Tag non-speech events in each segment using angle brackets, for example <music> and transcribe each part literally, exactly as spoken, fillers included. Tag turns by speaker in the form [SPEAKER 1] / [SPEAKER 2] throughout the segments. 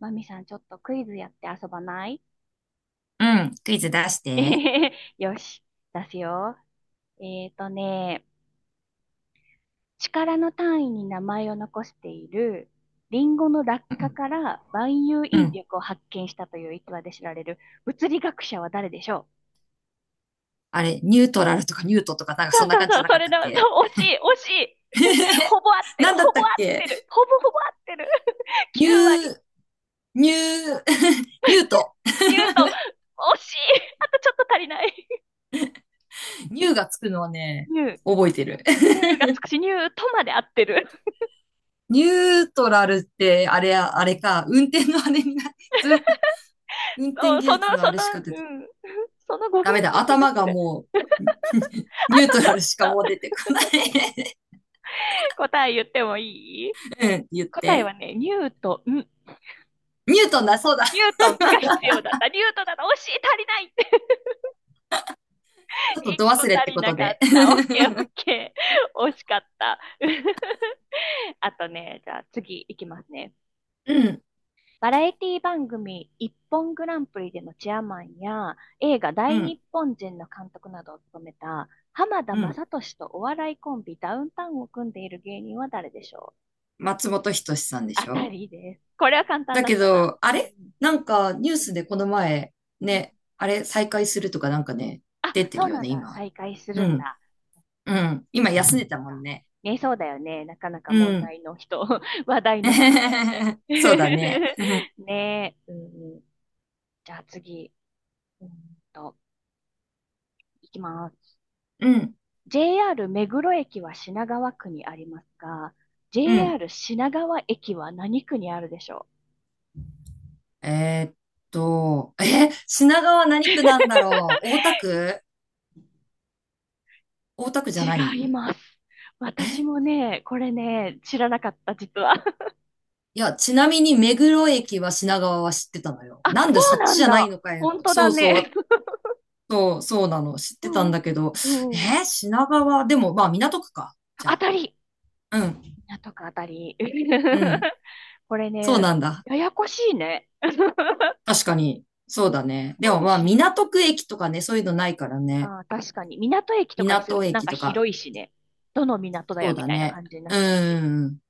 [SPEAKER 1] マミさん、ちょっとクイズやって遊ばない？
[SPEAKER 2] うん、クイズ出して。
[SPEAKER 1] <laughs> よし、出すよ。えーとね、力の単位に名前を残している、リンゴの落
[SPEAKER 2] う
[SPEAKER 1] 下
[SPEAKER 2] ん。
[SPEAKER 1] から万有
[SPEAKER 2] う
[SPEAKER 1] 引
[SPEAKER 2] ん。
[SPEAKER 1] 力を発見したという逸話で知られる物理学者は誰でしょ
[SPEAKER 2] あれ、ニュートラルとかニュートとかなんか
[SPEAKER 1] う？
[SPEAKER 2] そんな
[SPEAKER 1] そう
[SPEAKER 2] 感じ
[SPEAKER 1] そ
[SPEAKER 2] じゃ
[SPEAKER 1] う、
[SPEAKER 2] な
[SPEAKER 1] そ
[SPEAKER 2] かっ
[SPEAKER 1] れ
[SPEAKER 2] たっ
[SPEAKER 1] だ、そ
[SPEAKER 2] け？
[SPEAKER 1] う、惜しい、惜しい。<laughs>
[SPEAKER 2] <laughs>
[SPEAKER 1] ほぼ合って
[SPEAKER 2] な
[SPEAKER 1] る、
[SPEAKER 2] んだ
[SPEAKER 1] ほ
[SPEAKER 2] った
[SPEAKER 1] ぼ合
[SPEAKER 2] っ
[SPEAKER 1] っ
[SPEAKER 2] け？
[SPEAKER 1] てる、ほぼほぼ合ってる。<laughs>
[SPEAKER 2] ニュ
[SPEAKER 1] きゅう割、
[SPEAKER 2] ー、ニュー、<laughs> ニュート。
[SPEAKER 1] ニュートン、惜しい。<laughs> あとちょっと足りない。
[SPEAKER 2] ニューがつくのはね、
[SPEAKER 1] ニュー、
[SPEAKER 2] 覚えてる。
[SPEAKER 1] ニューがつくし、ニュートまで合ってる。
[SPEAKER 2] <laughs> ニュートラルって、あれや、あれか、運転のあれにな、ずっと、運
[SPEAKER 1] そ
[SPEAKER 2] 転
[SPEAKER 1] うん
[SPEAKER 2] 技
[SPEAKER 1] そ
[SPEAKER 2] 術
[SPEAKER 1] の、
[SPEAKER 2] のあ
[SPEAKER 1] そ
[SPEAKER 2] れ
[SPEAKER 1] の、
[SPEAKER 2] しか出て、
[SPEAKER 1] うん。<laughs> その語
[SPEAKER 2] ダメ
[SPEAKER 1] 源
[SPEAKER 2] だ、
[SPEAKER 1] な気が
[SPEAKER 2] 頭
[SPEAKER 1] す
[SPEAKER 2] が
[SPEAKER 1] る。
[SPEAKER 2] もう、ニ
[SPEAKER 1] <laughs>
[SPEAKER 2] ュー
[SPEAKER 1] と、
[SPEAKER 2] ト
[SPEAKER 1] ち
[SPEAKER 2] ラルしか
[SPEAKER 1] ょっ
[SPEAKER 2] もう出
[SPEAKER 1] と
[SPEAKER 2] てこない。
[SPEAKER 1] 答え言ってもいい？
[SPEAKER 2] <laughs> うん、言っ
[SPEAKER 1] 答え
[SPEAKER 2] て。
[SPEAKER 1] はね、ニュートン。
[SPEAKER 2] ニュートンだ、そうだ。
[SPEAKER 1] ニュートンが必要だった。ニュートンだった。惜しい、足りないって。
[SPEAKER 2] ちょっ
[SPEAKER 1] <laughs>
[SPEAKER 2] と
[SPEAKER 1] 一
[SPEAKER 2] 度
[SPEAKER 1] 個
[SPEAKER 2] 忘
[SPEAKER 1] 足
[SPEAKER 2] れって
[SPEAKER 1] り
[SPEAKER 2] こ
[SPEAKER 1] な
[SPEAKER 2] と
[SPEAKER 1] かっ
[SPEAKER 2] で。
[SPEAKER 1] た。オッケーオッケー。惜しかった。<laughs> あとね、じゃあ次いきますね。
[SPEAKER 2] <laughs> うん、
[SPEAKER 1] バラエティ番組一本グランプリでのチェアマンや映画
[SPEAKER 2] う
[SPEAKER 1] 大日
[SPEAKER 2] ん、
[SPEAKER 1] 本人の監督などを務めた浜田
[SPEAKER 2] うん。
[SPEAKER 1] 雅俊とお笑いコンビダウンタウンを組んでいる芸人は誰でしょう？
[SPEAKER 2] 松本人志さんでし
[SPEAKER 1] あた
[SPEAKER 2] ょ？
[SPEAKER 1] りです。これは簡単
[SPEAKER 2] だ
[SPEAKER 1] だっ
[SPEAKER 2] け
[SPEAKER 1] たな。
[SPEAKER 2] ど、あ
[SPEAKER 1] う
[SPEAKER 2] れ
[SPEAKER 1] ん。
[SPEAKER 2] なんかニュースでこの前、ね、あれ再開するとかなんかね、
[SPEAKER 1] あ、
[SPEAKER 2] 出て
[SPEAKER 1] そ
[SPEAKER 2] る
[SPEAKER 1] う
[SPEAKER 2] よ
[SPEAKER 1] なん
[SPEAKER 2] ね、
[SPEAKER 1] だ。
[SPEAKER 2] 今。
[SPEAKER 1] 再会する
[SPEAKER 2] う
[SPEAKER 1] ん
[SPEAKER 2] ん。
[SPEAKER 1] だ。
[SPEAKER 2] うん。今休んでたもんね。
[SPEAKER 1] ね、そうだよね。なかなか
[SPEAKER 2] う
[SPEAKER 1] 問
[SPEAKER 2] ん。
[SPEAKER 1] 題の人、<laughs> 話題の人だよね。
[SPEAKER 2] <laughs> そうだね。<laughs>
[SPEAKER 1] <laughs> ねえ、うん。じゃあ次、うんと、いきます。
[SPEAKER 2] うん。
[SPEAKER 1] ジェイアール 目黒駅は品川区にありますが、
[SPEAKER 2] うん。
[SPEAKER 1] ジェイアール 品川駅は何区にあるでしょ
[SPEAKER 2] えーっと、え、品川何区なんだろう？大田区。大田区じ
[SPEAKER 1] う？
[SPEAKER 2] ゃな
[SPEAKER 1] 違い
[SPEAKER 2] い？
[SPEAKER 1] ます。
[SPEAKER 2] え、
[SPEAKER 1] 私もね、これね、知らなかった、実は。<laughs>
[SPEAKER 2] いや、ちなみに目黒駅は品川は知ってたのよ。
[SPEAKER 1] あ、
[SPEAKER 2] なん
[SPEAKER 1] そ
[SPEAKER 2] でそ
[SPEAKER 1] う
[SPEAKER 2] っ
[SPEAKER 1] な
[SPEAKER 2] ち
[SPEAKER 1] ん
[SPEAKER 2] じゃない
[SPEAKER 1] だ。
[SPEAKER 2] のかよ。
[SPEAKER 1] 本当だ
[SPEAKER 2] そうそ
[SPEAKER 1] ね。
[SPEAKER 2] う。そう、そうなの。知っ
[SPEAKER 1] <laughs> う
[SPEAKER 2] てたん
[SPEAKER 1] ん。
[SPEAKER 2] だけど、
[SPEAKER 1] うん。
[SPEAKER 2] えー品川、でも、まあ、港区か。じゃ
[SPEAKER 1] 当
[SPEAKER 2] あ。
[SPEAKER 1] たり。
[SPEAKER 2] うん、
[SPEAKER 1] 港区、当たり。
[SPEAKER 2] うん。
[SPEAKER 1] <laughs> これ
[SPEAKER 2] そう
[SPEAKER 1] ね、
[SPEAKER 2] なんだ。
[SPEAKER 1] ややこしいね。<laughs>
[SPEAKER 2] 確かに。そう
[SPEAKER 1] うん、
[SPEAKER 2] だね。で
[SPEAKER 1] なん
[SPEAKER 2] も、
[SPEAKER 1] で
[SPEAKER 2] まあ、
[SPEAKER 1] し、
[SPEAKER 2] 港区駅とかね、そういうのないからね。
[SPEAKER 1] あー、確かに。港駅とかにする
[SPEAKER 2] 港
[SPEAKER 1] となん
[SPEAKER 2] 駅
[SPEAKER 1] か
[SPEAKER 2] とか、
[SPEAKER 1] 広いしね。どの港だ
[SPEAKER 2] そ
[SPEAKER 1] よ
[SPEAKER 2] う
[SPEAKER 1] み
[SPEAKER 2] だ
[SPEAKER 1] たいな
[SPEAKER 2] ね。
[SPEAKER 1] 感じにな
[SPEAKER 2] う
[SPEAKER 1] っちゃうし。
[SPEAKER 2] ん、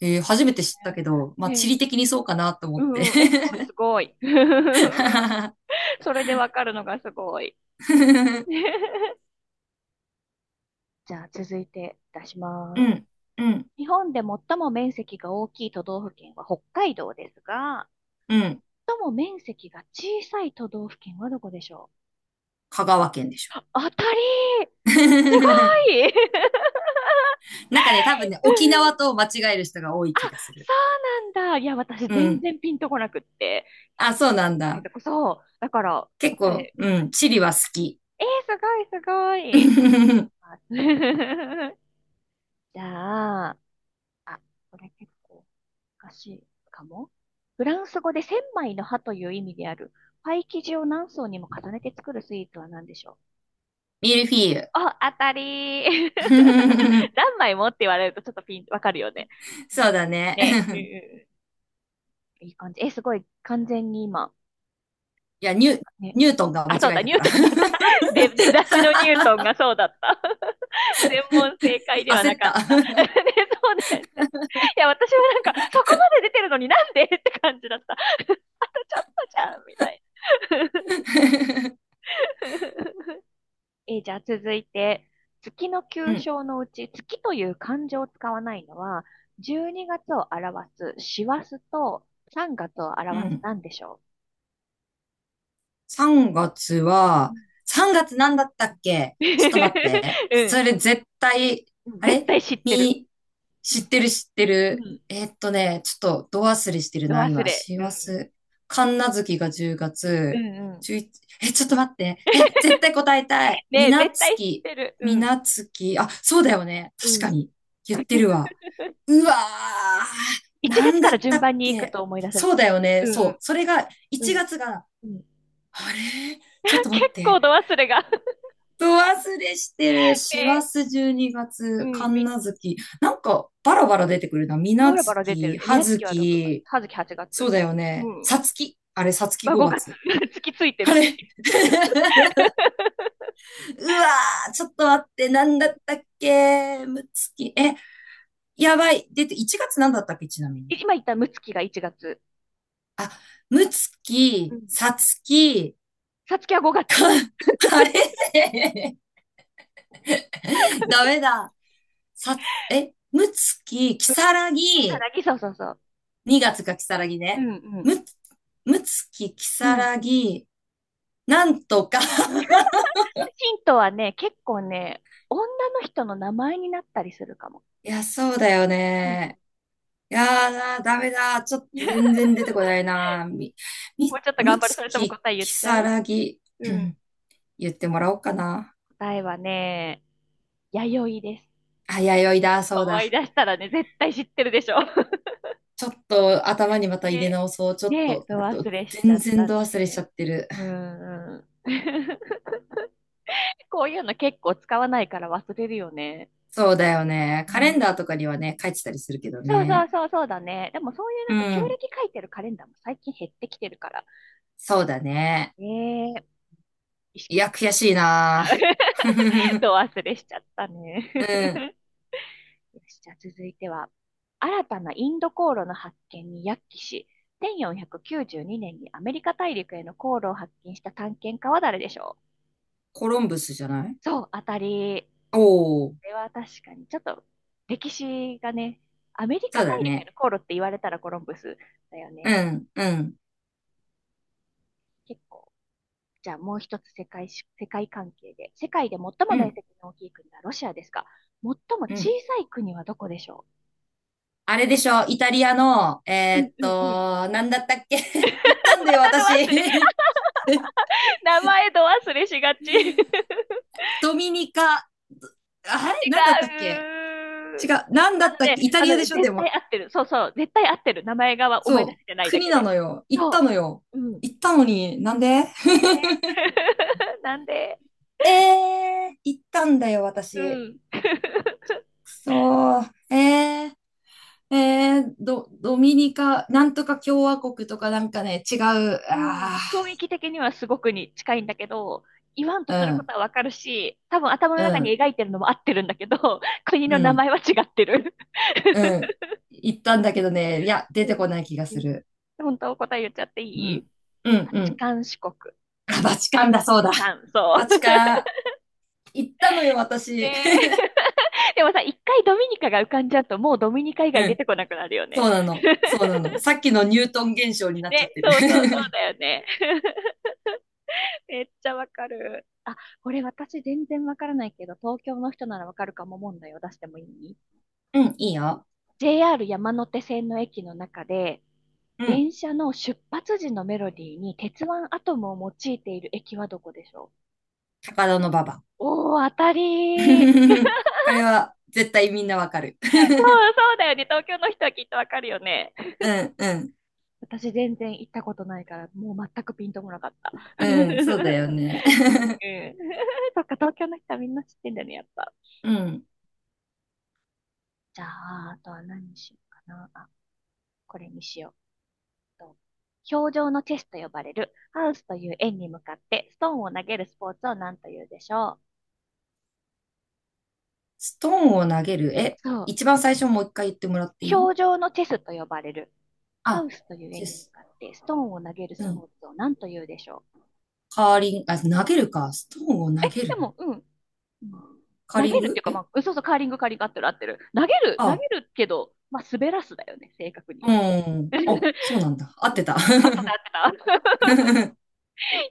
[SPEAKER 2] え
[SPEAKER 1] な
[SPEAKER 2] ー
[SPEAKER 1] る
[SPEAKER 2] 初
[SPEAKER 1] ほど
[SPEAKER 2] めて知ったけど、まあ、
[SPEAKER 1] ね。
[SPEAKER 2] 地
[SPEAKER 1] ね、
[SPEAKER 2] 理的にそうかなと思
[SPEAKER 1] う
[SPEAKER 2] って。
[SPEAKER 1] んうん。え、すごいすごい。
[SPEAKER 2] <laughs>
[SPEAKER 1] <laughs> それでわかるのがすごい。<laughs> じゃあ続いて出し
[SPEAKER 2] う
[SPEAKER 1] ます。
[SPEAKER 2] ん、うん、
[SPEAKER 1] 日本で最も面積が大きい都道府県は北海道ですが、
[SPEAKER 2] うん。
[SPEAKER 1] 最も面積が小さい都道府県はどこでしょ
[SPEAKER 2] 香川県でしょ。
[SPEAKER 1] う？当たり、すごい。 <laughs>
[SPEAKER 2] <laughs> なんかね、多分ね、沖縄と間違える人が多い気がする。
[SPEAKER 1] そうなんだ。いや、私
[SPEAKER 2] う
[SPEAKER 1] 全
[SPEAKER 2] ん。
[SPEAKER 1] 然ピンとこなくって。一
[SPEAKER 2] あ、
[SPEAKER 1] 番
[SPEAKER 2] そうなん
[SPEAKER 1] 小さい
[SPEAKER 2] だ。
[SPEAKER 1] とこ、そう。だから
[SPEAKER 2] 結
[SPEAKER 1] 答
[SPEAKER 2] 構、
[SPEAKER 1] え、うん、
[SPEAKER 2] うん、チリは好き。
[SPEAKER 1] えー、すごいすごい。
[SPEAKER 2] <laughs>
[SPEAKER 1] あ。 <laughs> じゃあ、あ、これ結構難しいかも。フランス語で千枚の葉という意味である、パイ生地を何層にも重ねて作るスイーツは何でしょう？
[SPEAKER 2] ミルフィーユ。
[SPEAKER 1] あ、当たりー。
[SPEAKER 2] <laughs>
[SPEAKER 1] <laughs> 何枚もって言われるとちょっとピン、わかるよね。ね、う
[SPEAKER 2] そ
[SPEAKER 1] ん。
[SPEAKER 2] うだね。
[SPEAKER 1] ね
[SPEAKER 2] <laughs>
[SPEAKER 1] え、うん、いい感じ。え、すごい、完全に今、
[SPEAKER 2] いや、ニュ、
[SPEAKER 1] ね。
[SPEAKER 2] ニュートンが間
[SPEAKER 1] あ、そう
[SPEAKER 2] 違え
[SPEAKER 1] だ、
[SPEAKER 2] た
[SPEAKER 1] ニュ
[SPEAKER 2] か
[SPEAKER 1] ー
[SPEAKER 2] ら。
[SPEAKER 1] トンだった。<laughs> 出出だしのニュートンがそうだった。全問正解
[SPEAKER 2] <laughs>
[SPEAKER 1] では
[SPEAKER 2] 焦
[SPEAKER 1] な
[SPEAKER 2] っ
[SPEAKER 1] かった。<laughs>
[SPEAKER 2] た。
[SPEAKER 1] ね、そうだよね。いや、私もなんか、そこまで出てるのになんでって感じだった。<laughs> あとちょっとじゃん、みたいな。
[SPEAKER 2] <laughs>
[SPEAKER 1] <laughs> えー、じゃあ続いて、月の
[SPEAKER 2] う
[SPEAKER 1] 旧
[SPEAKER 2] ん、
[SPEAKER 1] 称のうち、月という漢字を使わないのは、じゅうにがつを表す師走とさんがつを
[SPEAKER 2] う
[SPEAKER 1] 表す
[SPEAKER 2] ん。
[SPEAKER 1] なんでしょ
[SPEAKER 2] さんがつ
[SPEAKER 1] う？う
[SPEAKER 2] は、
[SPEAKER 1] ん。
[SPEAKER 2] さんがつなんだったっけ？ちょっと待って。
[SPEAKER 1] <laughs> う
[SPEAKER 2] そ
[SPEAKER 1] ん、
[SPEAKER 2] れ絶対、あ
[SPEAKER 1] 絶
[SPEAKER 2] れ、
[SPEAKER 1] 対知ってる。
[SPEAKER 2] み、知ってる知って
[SPEAKER 1] う
[SPEAKER 2] る。
[SPEAKER 1] ん。
[SPEAKER 2] えーっとね、ちょっとど忘れしてる
[SPEAKER 1] ど
[SPEAKER 2] な、
[SPEAKER 1] 忘
[SPEAKER 2] 今。
[SPEAKER 1] れ。
[SPEAKER 2] 師
[SPEAKER 1] うん。
[SPEAKER 2] 走。神無月が10
[SPEAKER 1] う
[SPEAKER 2] 月、
[SPEAKER 1] んうん。
[SPEAKER 2] じゅういち、え、ちょっと待って。え、絶対答えたい。
[SPEAKER 1] ね
[SPEAKER 2] み
[SPEAKER 1] え、
[SPEAKER 2] な
[SPEAKER 1] 絶
[SPEAKER 2] つ
[SPEAKER 1] 対知っ
[SPEAKER 2] き。
[SPEAKER 1] てる。う
[SPEAKER 2] み
[SPEAKER 1] ん。
[SPEAKER 2] なつき。あ、そうだよね。
[SPEAKER 1] う
[SPEAKER 2] 確か
[SPEAKER 1] ん。
[SPEAKER 2] に。言ってるわ。
[SPEAKER 1] <laughs>
[SPEAKER 2] うわー。
[SPEAKER 1] 1
[SPEAKER 2] な
[SPEAKER 1] 月
[SPEAKER 2] ん
[SPEAKER 1] か
[SPEAKER 2] だっ
[SPEAKER 1] ら
[SPEAKER 2] た
[SPEAKER 1] 順
[SPEAKER 2] っ
[SPEAKER 1] 番に行く
[SPEAKER 2] け？
[SPEAKER 1] と思い出せる
[SPEAKER 2] そう
[SPEAKER 1] かも。
[SPEAKER 2] だよ
[SPEAKER 1] う
[SPEAKER 2] ね。
[SPEAKER 1] んう
[SPEAKER 2] そう。
[SPEAKER 1] ん
[SPEAKER 2] それが、
[SPEAKER 1] う
[SPEAKER 2] 1
[SPEAKER 1] ん。
[SPEAKER 2] 月がつが、
[SPEAKER 1] うん。
[SPEAKER 2] あれ、ちょっと
[SPEAKER 1] <laughs>
[SPEAKER 2] 待っ
[SPEAKER 1] 結構
[SPEAKER 2] て。
[SPEAKER 1] 度忘れが。 <laughs>
[SPEAKER 2] ど忘れしてる。師
[SPEAKER 1] ね
[SPEAKER 2] 走12
[SPEAKER 1] え。
[SPEAKER 2] 月、
[SPEAKER 1] うん、
[SPEAKER 2] 神
[SPEAKER 1] み、
[SPEAKER 2] 無月。なんか、バラバラ出てくるな。水無
[SPEAKER 1] バラバラ出てる
[SPEAKER 2] 月、
[SPEAKER 1] ね。み
[SPEAKER 2] 葉
[SPEAKER 1] なつきは6
[SPEAKER 2] 月。
[SPEAKER 1] 月、はずき8
[SPEAKER 2] そ
[SPEAKER 1] 月。
[SPEAKER 2] うだよ
[SPEAKER 1] う
[SPEAKER 2] ね。
[SPEAKER 1] ん。
[SPEAKER 2] さつき。あれ、さつき
[SPEAKER 1] は
[SPEAKER 2] 5
[SPEAKER 1] ごがつ。
[SPEAKER 2] 月。
[SPEAKER 1] <laughs> 月ついてる
[SPEAKER 2] あれ。
[SPEAKER 1] し。
[SPEAKER 2] <laughs> うわー、ちょっと待って。なんだったっけ？むつき。え、やばい。出て、いちがつなんだったっけ？ちなみに。
[SPEAKER 1] 今言ったむつきがいちがつ。
[SPEAKER 2] あ、むつ
[SPEAKER 1] う
[SPEAKER 2] き、
[SPEAKER 1] ん。
[SPEAKER 2] さつき。
[SPEAKER 1] さつきはごがつ。
[SPEAKER 2] あれ。 <laughs> ダメだ。さつ、え、むつき、き
[SPEAKER 1] うん。
[SPEAKER 2] さら
[SPEAKER 1] ひさ
[SPEAKER 2] ぎ、
[SPEAKER 1] なぎ、そうそうそう。
[SPEAKER 2] にがつかきさらぎ
[SPEAKER 1] う
[SPEAKER 2] ね。
[SPEAKER 1] んうん
[SPEAKER 2] む、むつき、き
[SPEAKER 1] う
[SPEAKER 2] さ
[SPEAKER 1] ん。
[SPEAKER 2] らぎ、なんとか。 <laughs>
[SPEAKER 1] ヒントはね、結構ね、他の人の名前になったりするかも。
[SPEAKER 2] いや、そうだよ
[SPEAKER 1] うん。
[SPEAKER 2] ね。いやーな、ダメだ。ちょっと全
[SPEAKER 1] <laughs>
[SPEAKER 2] 然出てこないな。み、
[SPEAKER 1] もう
[SPEAKER 2] み、
[SPEAKER 1] ちょっと
[SPEAKER 2] む
[SPEAKER 1] 頑張る。
[SPEAKER 2] つ
[SPEAKER 1] それとも
[SPEAKER 2] き、
[SPEAKER 1] 答え言っ
[SPEAKER 2] き
[SPEAKER 1] ちゃ
[SPEAKER 2] さ
[SPEAKER 1] う？
[SPEAKER 2] らぎ、
[SPEAKER 1] うん。
[SPEAKER 2] <clears throat> 言ってもらおうかな。
[SPEAKER 1] 答えはね、弥生です。
[SPEAKER 2] あ、弥生だ、そう
[SPEAKER 1] 思
[SPEAKER 2] だ。
[SPEAKER 1] い出したらね、絶対知ってるでしょ。<laughs>
[SPEAKER 2] ちょっと頭にまた入れ
[SPEAKER 1] で、
[SPEAKER 2] 直そう。ちょっ
[SPEAKER 1] で、
[SPEAKER 2] と、
[SPEAKER 1] ど忘
[SPEAKER 2] ど
[SPEAKER 1] れしち
[SPEAKER 2] 全
[SPEAKER 1] ゃっ
[SPEAKER 2] 然
[SPEAKER 1] た
[SPEAKER 2] ど忘れしちゃ
[SPEAKER 1] ね。
[SPEAKER 2] ってる。
[SPEAKER 1] うん、うん <laughs>。こういうの結構使わないから忘れるよね。
[SPEAKER 2] そうだよね。
[SPEAKER 1] う
[SPEAKER 2] カレン
[SPEAKER 1] ん。
[SPEAKER 2] ダーとかにはね、書いてたりするけど
[SPEAKER 1] そうそう
[SPEAKER 2] ね。
[SPEAKER 1] そう、そうだね。でもそういうな
[SPEAKER 2] う
[SPEAKER 1] んか旧
[SPEAKER 2] ん。
[SPEAKER 1] 暦書いてるカレンダーも最近減ってきてるから。
[SPEAKER 2] そうだね。
[SPEAKER 1] ええ、意
[SPEAKER 2] い
[SPEAKER 1] 識し
[SPEAKER 2] や、
[SPEAKER 1] て、
[SPEAKER 2] 悔しい
[SPEAKER 1] また。
[SPEAKER 2] な。
[SPEAKER 1] <laughs>
[SPEAKER 2] <laughs>
[SPEAKER 1] ど忘れしちゃったね。
[SPEAKER 2] うん。
[SPEAKER 1] よし、じゃあ続いては、新たなインド航路の発見に躍起し、せんよんひゃくきゅうじゅうにねんにねんにアメリカ大陸への航路を発見した探検家は誰でしょう？
[SPEAKER 2] コロンブスじゃない？
[SPEAKER 1] そう、当たり。
[SPEAKER 2] おおー、
[SPEAKER 1] これは確かに、ちょっと歴史がね、アメリカ
[SPEAKER 2] そうだ
[SPEAKER 1] 大陸へ
[SPEAKER 2] ね。
[SPEAKER 1] の航路って言われたらコロンブスだよ
[SPEAKER 2] う
[SPEAKER 1] ね。
[SPEAKER 2] ん、うん、
[SPEAKER 1] 結構。じゃあもう一つ世界し、世界関係で。世界で最も
[SPEAKER 2] う
[SPEAKER 1] 面
[SPEAKER 2] ん、
[SPEAKER 1] 積の大きい国はロシアですが、最も
[SPEAKER 2] う
[SPEAKER 1] 小
[SPEAKER 2] ん。
[SPEAKER 1] さい国はどこでしょ
[SPEAKER 2] あれでしょ、イタリアの、
[SPEAKER 1] う？
[SPEAKER 2] え
[SPEAKER 1] う
[SPEAKER 2] ー
[SPEAKER 1] ん
[SPEAKER 2] っ
[SPEAKER 1] うんうん。
[SPEAKER 2] と、なんだったっけ？ <laughs> 行ったん
[SPEAKER 1] <laughs>
[SPEAKER 2] だ
[SPEAKER 1] ま
[SPEAKER 2] よ、
[SPEAKER 1] たの忘れ。
[SPEAKER 2] 私。
[SPEAKER 1] 名前と忘れしがち。<laughs> 違
[SPEAKER 2] <laughs> ドミニカ。あれなんだったっけ？違
[SPEAKER 1] う。
[SPEAKER 2] う。なんだ
[SPEAKER 1] あ
[SPEAKER 2] っ
[SPEAKER 1] の
[SPEAKER 2] たっけ？
[SPEAKER 1] ね、
[SPEAKER 2] イタ
[SPEAKER 1] あ
[SPEAKER 2] リ
[SPEAKER 1] の
[SPEAKER 2] アで
[SPEAKER 1] ね、
[SPEAKER 2] しょ、で
[SPEAKER 1] 絶
[SPEAKER 2] も。
[SPEAKER 1] 対合ってる。そうそう、絶対合ってる。名前が思い出
[SPEAKER 2] そう。
[SPEAKER 1] せてないだ
[SPEAKER 2] 国
[SPEAKER 1] け
[SPEAKER 2] な
[SPEAKER 1] で。
[SPEAKER 2] のよ。行った
[SPEAKER 1] そ
[SPEAKER 2] のよ。
[SPEAKER 1] う。うん。
[SPEAKER 2] 行ったのに、なんで？ <laughs>
[SPEAKER 1] <laughs> なんで、
[SPEAKER 2] えー、行ったんだよ、
[SPEAKER 1] う
[SPEAKER 2] 私。
[SPEAKER 1] ん。<laughs>
[SPEAKER 2] くそー。えー。えー、ド、ドミニカ、なんとか共和国とかなんかね、違う。
[SPEAKER 1] うん。
[SPEAKER 2] あ、
[SPEAKER 1] 雰囲気的にはすごくに近いんだけど、言わんとする
[SPEAKER 2] あ、う
[SPEAKER 1] こと
[SPEAKER 2] ん、
[SPEAKER 1] はわかるし、多分頭の
[SPEAKER 2] う
[SPEAKER 1] 中に
[SPEAKER 2] ん、
[SPEAKER 1] 描いてるのも合ってるんだけど、<laughs> 国
[SPEAKER 2] う
[SPEAKER 1] の名前
[SPEAKER 2] ん、
[SPEAKER 1] は違ってる。
[SPEAKER 2] うん。行ったんだけどね、いや、出
[SPEAKER 1] う
[SPEAKER 2] て
[SPEAKER 1] ん
[SPEAKER 2] こない気が
[SPEAKER 1] う
[SPEAKER 2] す
[SPEAKER 1] ん、
[SPEAKER 2] る。
[SPEAKER 1] 本当答え言っちゃって
[SPEAKER 2] う
[SPEAKER 1] いい？
[SPEAKER 2] ん、うん、
[SPEAKER 1] バ
[SPEAKER 2] う
[SPEAKER 1] チ
[SPEAKER 2] ん。
[SPEAKER 1] カン四国。バ
[SPEAKER 2] あ、バチカンだ、
[SPEAKER 1] チ
[SPEAKER 2] そうだ。
[SPEAKER 1] カン、そう。
[SPEAKER 2] バチカン。行ったのよ、私。
[SPEAKER 1] ね
[SPEAKER 2] <laughs>
[SPEAKER 1] え。でもさ、一回ドミニカが浮かんじゃうと、もうドミニカ以
[SPEAKER 2] う
[SPEAKER 1] 外出
[SPEAKER 2] ん、
[SPEAKER 1] てこなくなるよ
[SPEAKER 2] そ
[SPEAKER 1] ね。
[SPEAKER 2] うなの。そうなの。さっきのニュートン現象になっちゃっ
[SPEAKER 1] ね、
[SPEAKER 2] てる。
[SPEAKER 1] そうそうそう
[SPEAKER 2] <laughs>
[SPEAKER 1] だよね。<laughs> めっちゃわかる。あ、これ私全然わからないけど、東京の人ならわかるかも問題を出してもいい？
[SPEAKER 2] うん、いいよ。
[SPEAKER 1] ジェイアール 山手線の駅の中で、
[SPEAKER 2] うん、
[SPEAKER 1] 電車の出発時のメロディーに鉄腕アトムを用いている駅はどこでしょ
[SPEAKER 2] 高田の馬場。
[SPEAKER 1] う？おー、当たりー。
[SPEAKER 2] <laughs> これは絶対みんなわかる。
[SPEAKER 1] そ
[SPEAKER 2] <laughs>
[SPEAKER 1] う、そうだよね。東京の人はきっとわかるよね。
[SPEAKER 2] うん、うん、
[SPEAKER 1] 私全然行ったことないから、もう全くピンとこなかった。<laughs> うんう
[SPEAKER 2] う
[SPEAKER 1] ん。
[SPEAKER 2] ん、そうだよね。<laughs>
[SPEAKER 1] <laughs> そっか、東京の人はみんな知ってんだね、やっぱ。
[SPEAKER 2] うん。
[SPEAKER 1] じゃあ、あとは何にしようかな。あ、これにしよう。と氷上のチェスと呼ばれるハウスという円に向かってストーンを投げるスポーツを何というでしょう。
[SPEAKER 2] ストーンを投げる。え、
[SPEAKER 1] そう。
[SPEAKER 2] 一番最初もう一回言ってもらっていい？
[SPEAKER 1] 氷上のチェスと呼ばれるハウ
[SPEAKER 2] あ、
[SPEAKER 1] スという
[SPEAKER 2] で
[SPEAKER 1] 円に向
[SPEAKER 2] す。
[SPEAKER 1] かってストーンを投げるス
[SPEAKER 2] う
[SPEAKER 1] ポ
[SPEAKER 2] ん。
[SPEAKER 1] ーツを何というでしょう。
[SPEAKER 2] カーリング、あ、投げるか。ストーンを投げ
[SPEAKER 1] で
[SPEAKER 2] る。
[SPEAKER 1] も、うん。うん、
[SPEAKER 2] カー
[SPEAKER 1] 投
[SPEAKER 2] リン
[SPEAKER 1] げるって
[SPEAKER 2] グ。
[SPEAKER 1] いうか、ま
[SPEAKER 2] え、
[SPEAKER 1] あ、うん、そうそう、カーリング、カーリング、合ってる合ってる。投げる、投げ
[SPEAKER 2] あ、
[SPEAKER 1] るけど、まあ、滑らすだよね、正確に
[SPEAKER 2] う
[SPEAKER 1] は。<laughs>
[SPEAKER 2] ん。
[SPEAKER 1] う
[SPEAKER 2] あ、そうなんだ。合って
[SPEAKER 1] ん、
[SPEAKER 2] た。
[SPEAKER 1] 合って
[SPEAKER 2] <laughs>
[SPEAKER 1] た合ってた。
[SPEAKER 2] う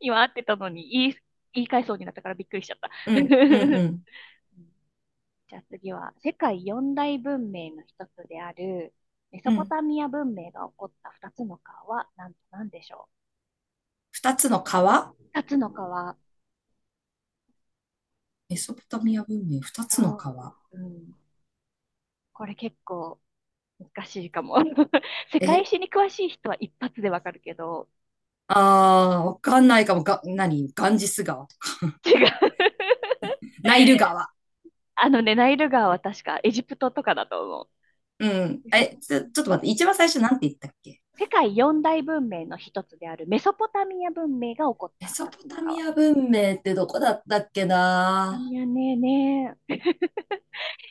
[SPEAKER 1] 今合ってたのに言い、言い返そうになったからびっくりしちゃった。
[SPEAKER 2] ん、うん、う
[SPEAKER 1] <laughs>
[SPEAKER 2] ん。
[SPEAKER 1] じゃあ次は、世界四大文明の一つである、メソ
[SPEAKER 2] う
[SPEAKER 1] ポ
[SPEAKER 2] ん。
[SPEAKER 1] タミア文明が起こった二つの川は何と何でしょ
[SPEAKER 2] 二つの川。
[SPEAKER 1] う？二つの川、
[SPEAKER 2] メソポタミア文明、二つの
[SPEAKER 1] そ
[SPEAKER 2] 川。
[SPEAKER 1] う、うん、これ結構難しいかも。<laughs> 世界
[SPEAKER 2] え、
[SPEAKER 1] 史に詳しい人は一発でわかるけど、
[SPEAKER 2] あー、わかんないかも。が、何？ガンジス川。
[SPEAKER 1] 違う。<laughs>
[SPEAKER 2] ナイル川。
[SPEAKER 1] あのね、ナイル川は確かエジプトとかだと思う。
[SPEAKER 2] うん。
[SPEAKER 1] メソ
[SPEAKER 2] え、
[SPEAKER 1] ポ
[SPEAKER 2] ちょ、
[SPEAKER 1] タ
[SPEAKER 2] ちょっと
[SPEAKER 1] ミ
[SPEAKER 2] 待って。一番最初なんて言ったっけ？
[SPEAKER 1] 世界四大文明の一つであるメソポタミア文明が起こっ
[SPEAKER 2] メ
[SPEAKER 1] た
[SPEAKER 2] ソ
[SPEAKER 1] 二
[SPEAKER 2] ポ
[SPEAKER 1] つの
[SPEAKER 2] タミ
[SPEAKER 1] 川。
[SPEAKER 2] ア文明ってどこだったっけ
[SPEAKER 1] メソポタ
[SPEAKER 2] な。
[SPEAKER 1] ミアねね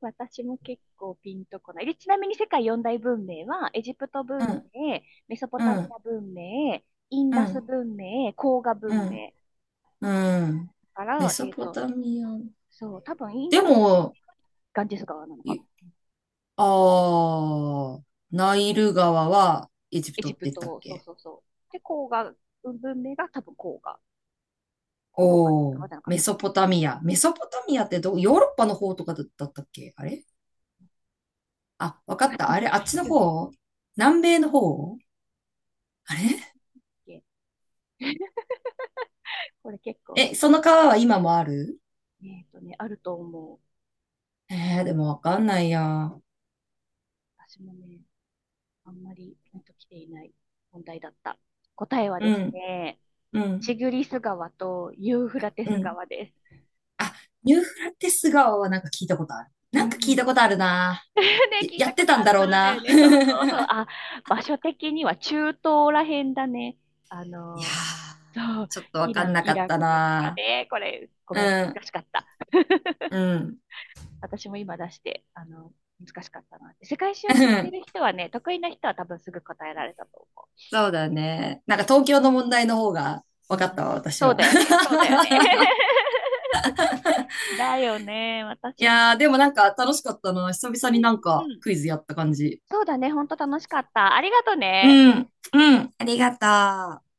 [SPEAKER 1] 私も結構ピンとこない。でちなみに世界四大文明は、エジプト
[SPEAKER 2] う
[SPEAKER 1] 文
[SPEAKER 2] ん
[SPEAKER 1] 明、メソポタミ
[SPEAKER 2] うん
[SPEAKER 1] ア文明、イン
[SPEAKER 2] う
[SPEAKER 1] ダス
[SPEAKER 2] ん
[SPEAKER 1] 文明、黄河
[SPEAKER 2] う
[SPEAKER 1] 文
[SPEAKER 2] ん
[SPEAKER 1] 明。
[SPEAKER 2] うん。
[SPEAKER 1] だか
[SPEAKER 2] メ
[SPEAKER 1] ら、
[SPEAKER 2] ソ
[SPEAKER 1] えっ
[SPEAKER 2] ポ
[SPEAKER 1] と、
[SPEAKER 2] タミア。
[SPEAKER 1] そう、多分イン
[SPEAKER 2] で
[SPEAKER 1] ダスが
[SPEAKER 2] も、
[SPEAKER 1] ガンジス川なのか
[SPEAKER 2] い
[SPEAKER 1] も。
[SPEAKER 2] ああ、ナイル川はエジプ
[SPEAKER 1] エ
[SPEAKER 2] ト
[SPEAKER 1] ジ
[SPEAKER 2] って
[SPEAKER 1] プ
[SPEAKER 2] 言ったっ
[SPEAKER 1] ト、そう
[SPEAKER 2] け？
[SPEAKER 1] そうそう。で、黄河文明が多分黄河。黄河
[SPEAKER 2] おおー、
[SPEAKER 1] 川じゃなかっ
[SPEAKER 2] メ
[SPEAKER 1] たっ
[SPEAKER 2] ソポ
[SPEAKER 1] け？
[SPEAKER 2] タミア。メソポタミアってど、ヨーロッパの方とかだだったっけ？あれ、あ、わかった。あれ、あっちの
[SPEAKER 1] うん、
[SPEAKER 2] 方？南米の方？あ
[SPEAKER 1] なんだ
[SPEAKER 2] れ。
[SPEAKER 1] っけ？これ結構、
[SPEAKER 2] え、その川は今もある？
[SPEAKER 1] えっとね、あると思う。
[SPEAKER 2] えー、でもわかんないや。う
[SPEAKER 1] 私もね、あんまりピンときていない問題だった。答えはです
[SPEAKER 2] ん、
[SPEAKER 1] ね、
[SPEAKER 2] うん、
[SPEAKER 1] チグリス川とユーフラテ
[SPEAKER 2] う
[SPEAKER 1] ス
[SPEAKER 2] ん。
[SPEAKER 1] 川です。
[SPEAKER 2] あ、ニューフラテス顔はなんか聞いたことある。
[SPEAKER 1] う
[SPEAKER 2] なんか聞い
[SPEAKER 1] ん。
[SPEAKER 2] たことあるな。
[SPEAKER 1] <laughs> ね、
[SPEAKER 2] や、
[SPEAKER 1] 聞い
[SPEAKER 2] や
[SPEAKER 1] た
[SPEAKER 2] っ
[SPEAKER 1] こ
[SPEAKER 2] て
[SPEAKER 1] と
[SPEAKER 2] たん
[SPEAKER 1] あ
[SPEAKER 2] だ
[SPEAKER 1] る
[SPEAKER 2] ろう
[SPEAKER 1] な、だよ
[SPEAKER 2] な。
[SPEAKER 1] ね。そうそ
[SPEAKER 2] <laughs>
[SPEAKER 1] うそう。あ、場所的には中東らへんだね。あ
[SPEAKER 2] いや
[SPEAKER 1] の、そ
[SPEAKER 2] ー、
[SPEAKER 1] う、
[SPEAKER 2] ちょっとわ
[SPEAKER 1] イ
[SPEAKER 2] かん
[SPEAKER 1] ラン、
[SPEAKER 2] なか
[SPEAKER 1] イ
[SPEAKER 2] っ
[SPEAKER 1] ラク
[SPEAKER 2] た
[SPEAKER 1] とか
[SPEAKER 2] な。
[SPEAKER 1] ね。これ、ご
[SPEAKER 2] う
[SPEAKER 1] めん、
[SPEAKER 2] ん、
[SPEAKER 1] 難しかった。
[SPEAKER 2] うん、
[SPEAKER 1] 私も今出して、あの、難しかったな。世界史を
[SPEAKER 2] <laughs>
[SPEAKER 1] 知っ
[SPEAKER 2] う
[SPEAKER 1] てる
[SPEAKER 2] ん。
[SPEAKER 1] 人はね、得意な人は多分すぐ答えられたと思
[SPEAKER 2] そうだね。なんか東京の問題の方が
[SPEAKER 1] う。
[SPEAKER 2] わ
[SPEAKER 1] う
[SPEAKER 2] かっ
[SPEAKER 1] ん、
[SPEAKER 2] たわ、私
[SPEAKER 1] そう
[SPEAKER 2] は。
[SPEAKER 1] だよ
[SPEAKER 2] <laughs>
[SPEAKER 1] ね、そうだよね。<laughs> だよね、
[SPEAKER 2] い
[SPEAKER 1] 私も。
[SPEAKER 2] やー、でもなんか楽しかったな。久々になん
[SPEAKER 1] う
[SPEAKER 2] か
[SPEAKER 1] んうん、
[SPEAKER 2] クイズやった感じ。
[SPEAKER 1] そうだね、ほんと楽しかった。ありがと
[SPEAKER 2] う
[SPEAKER 1] ね。
[SPEAKER 2] ん、うん、ありがとう。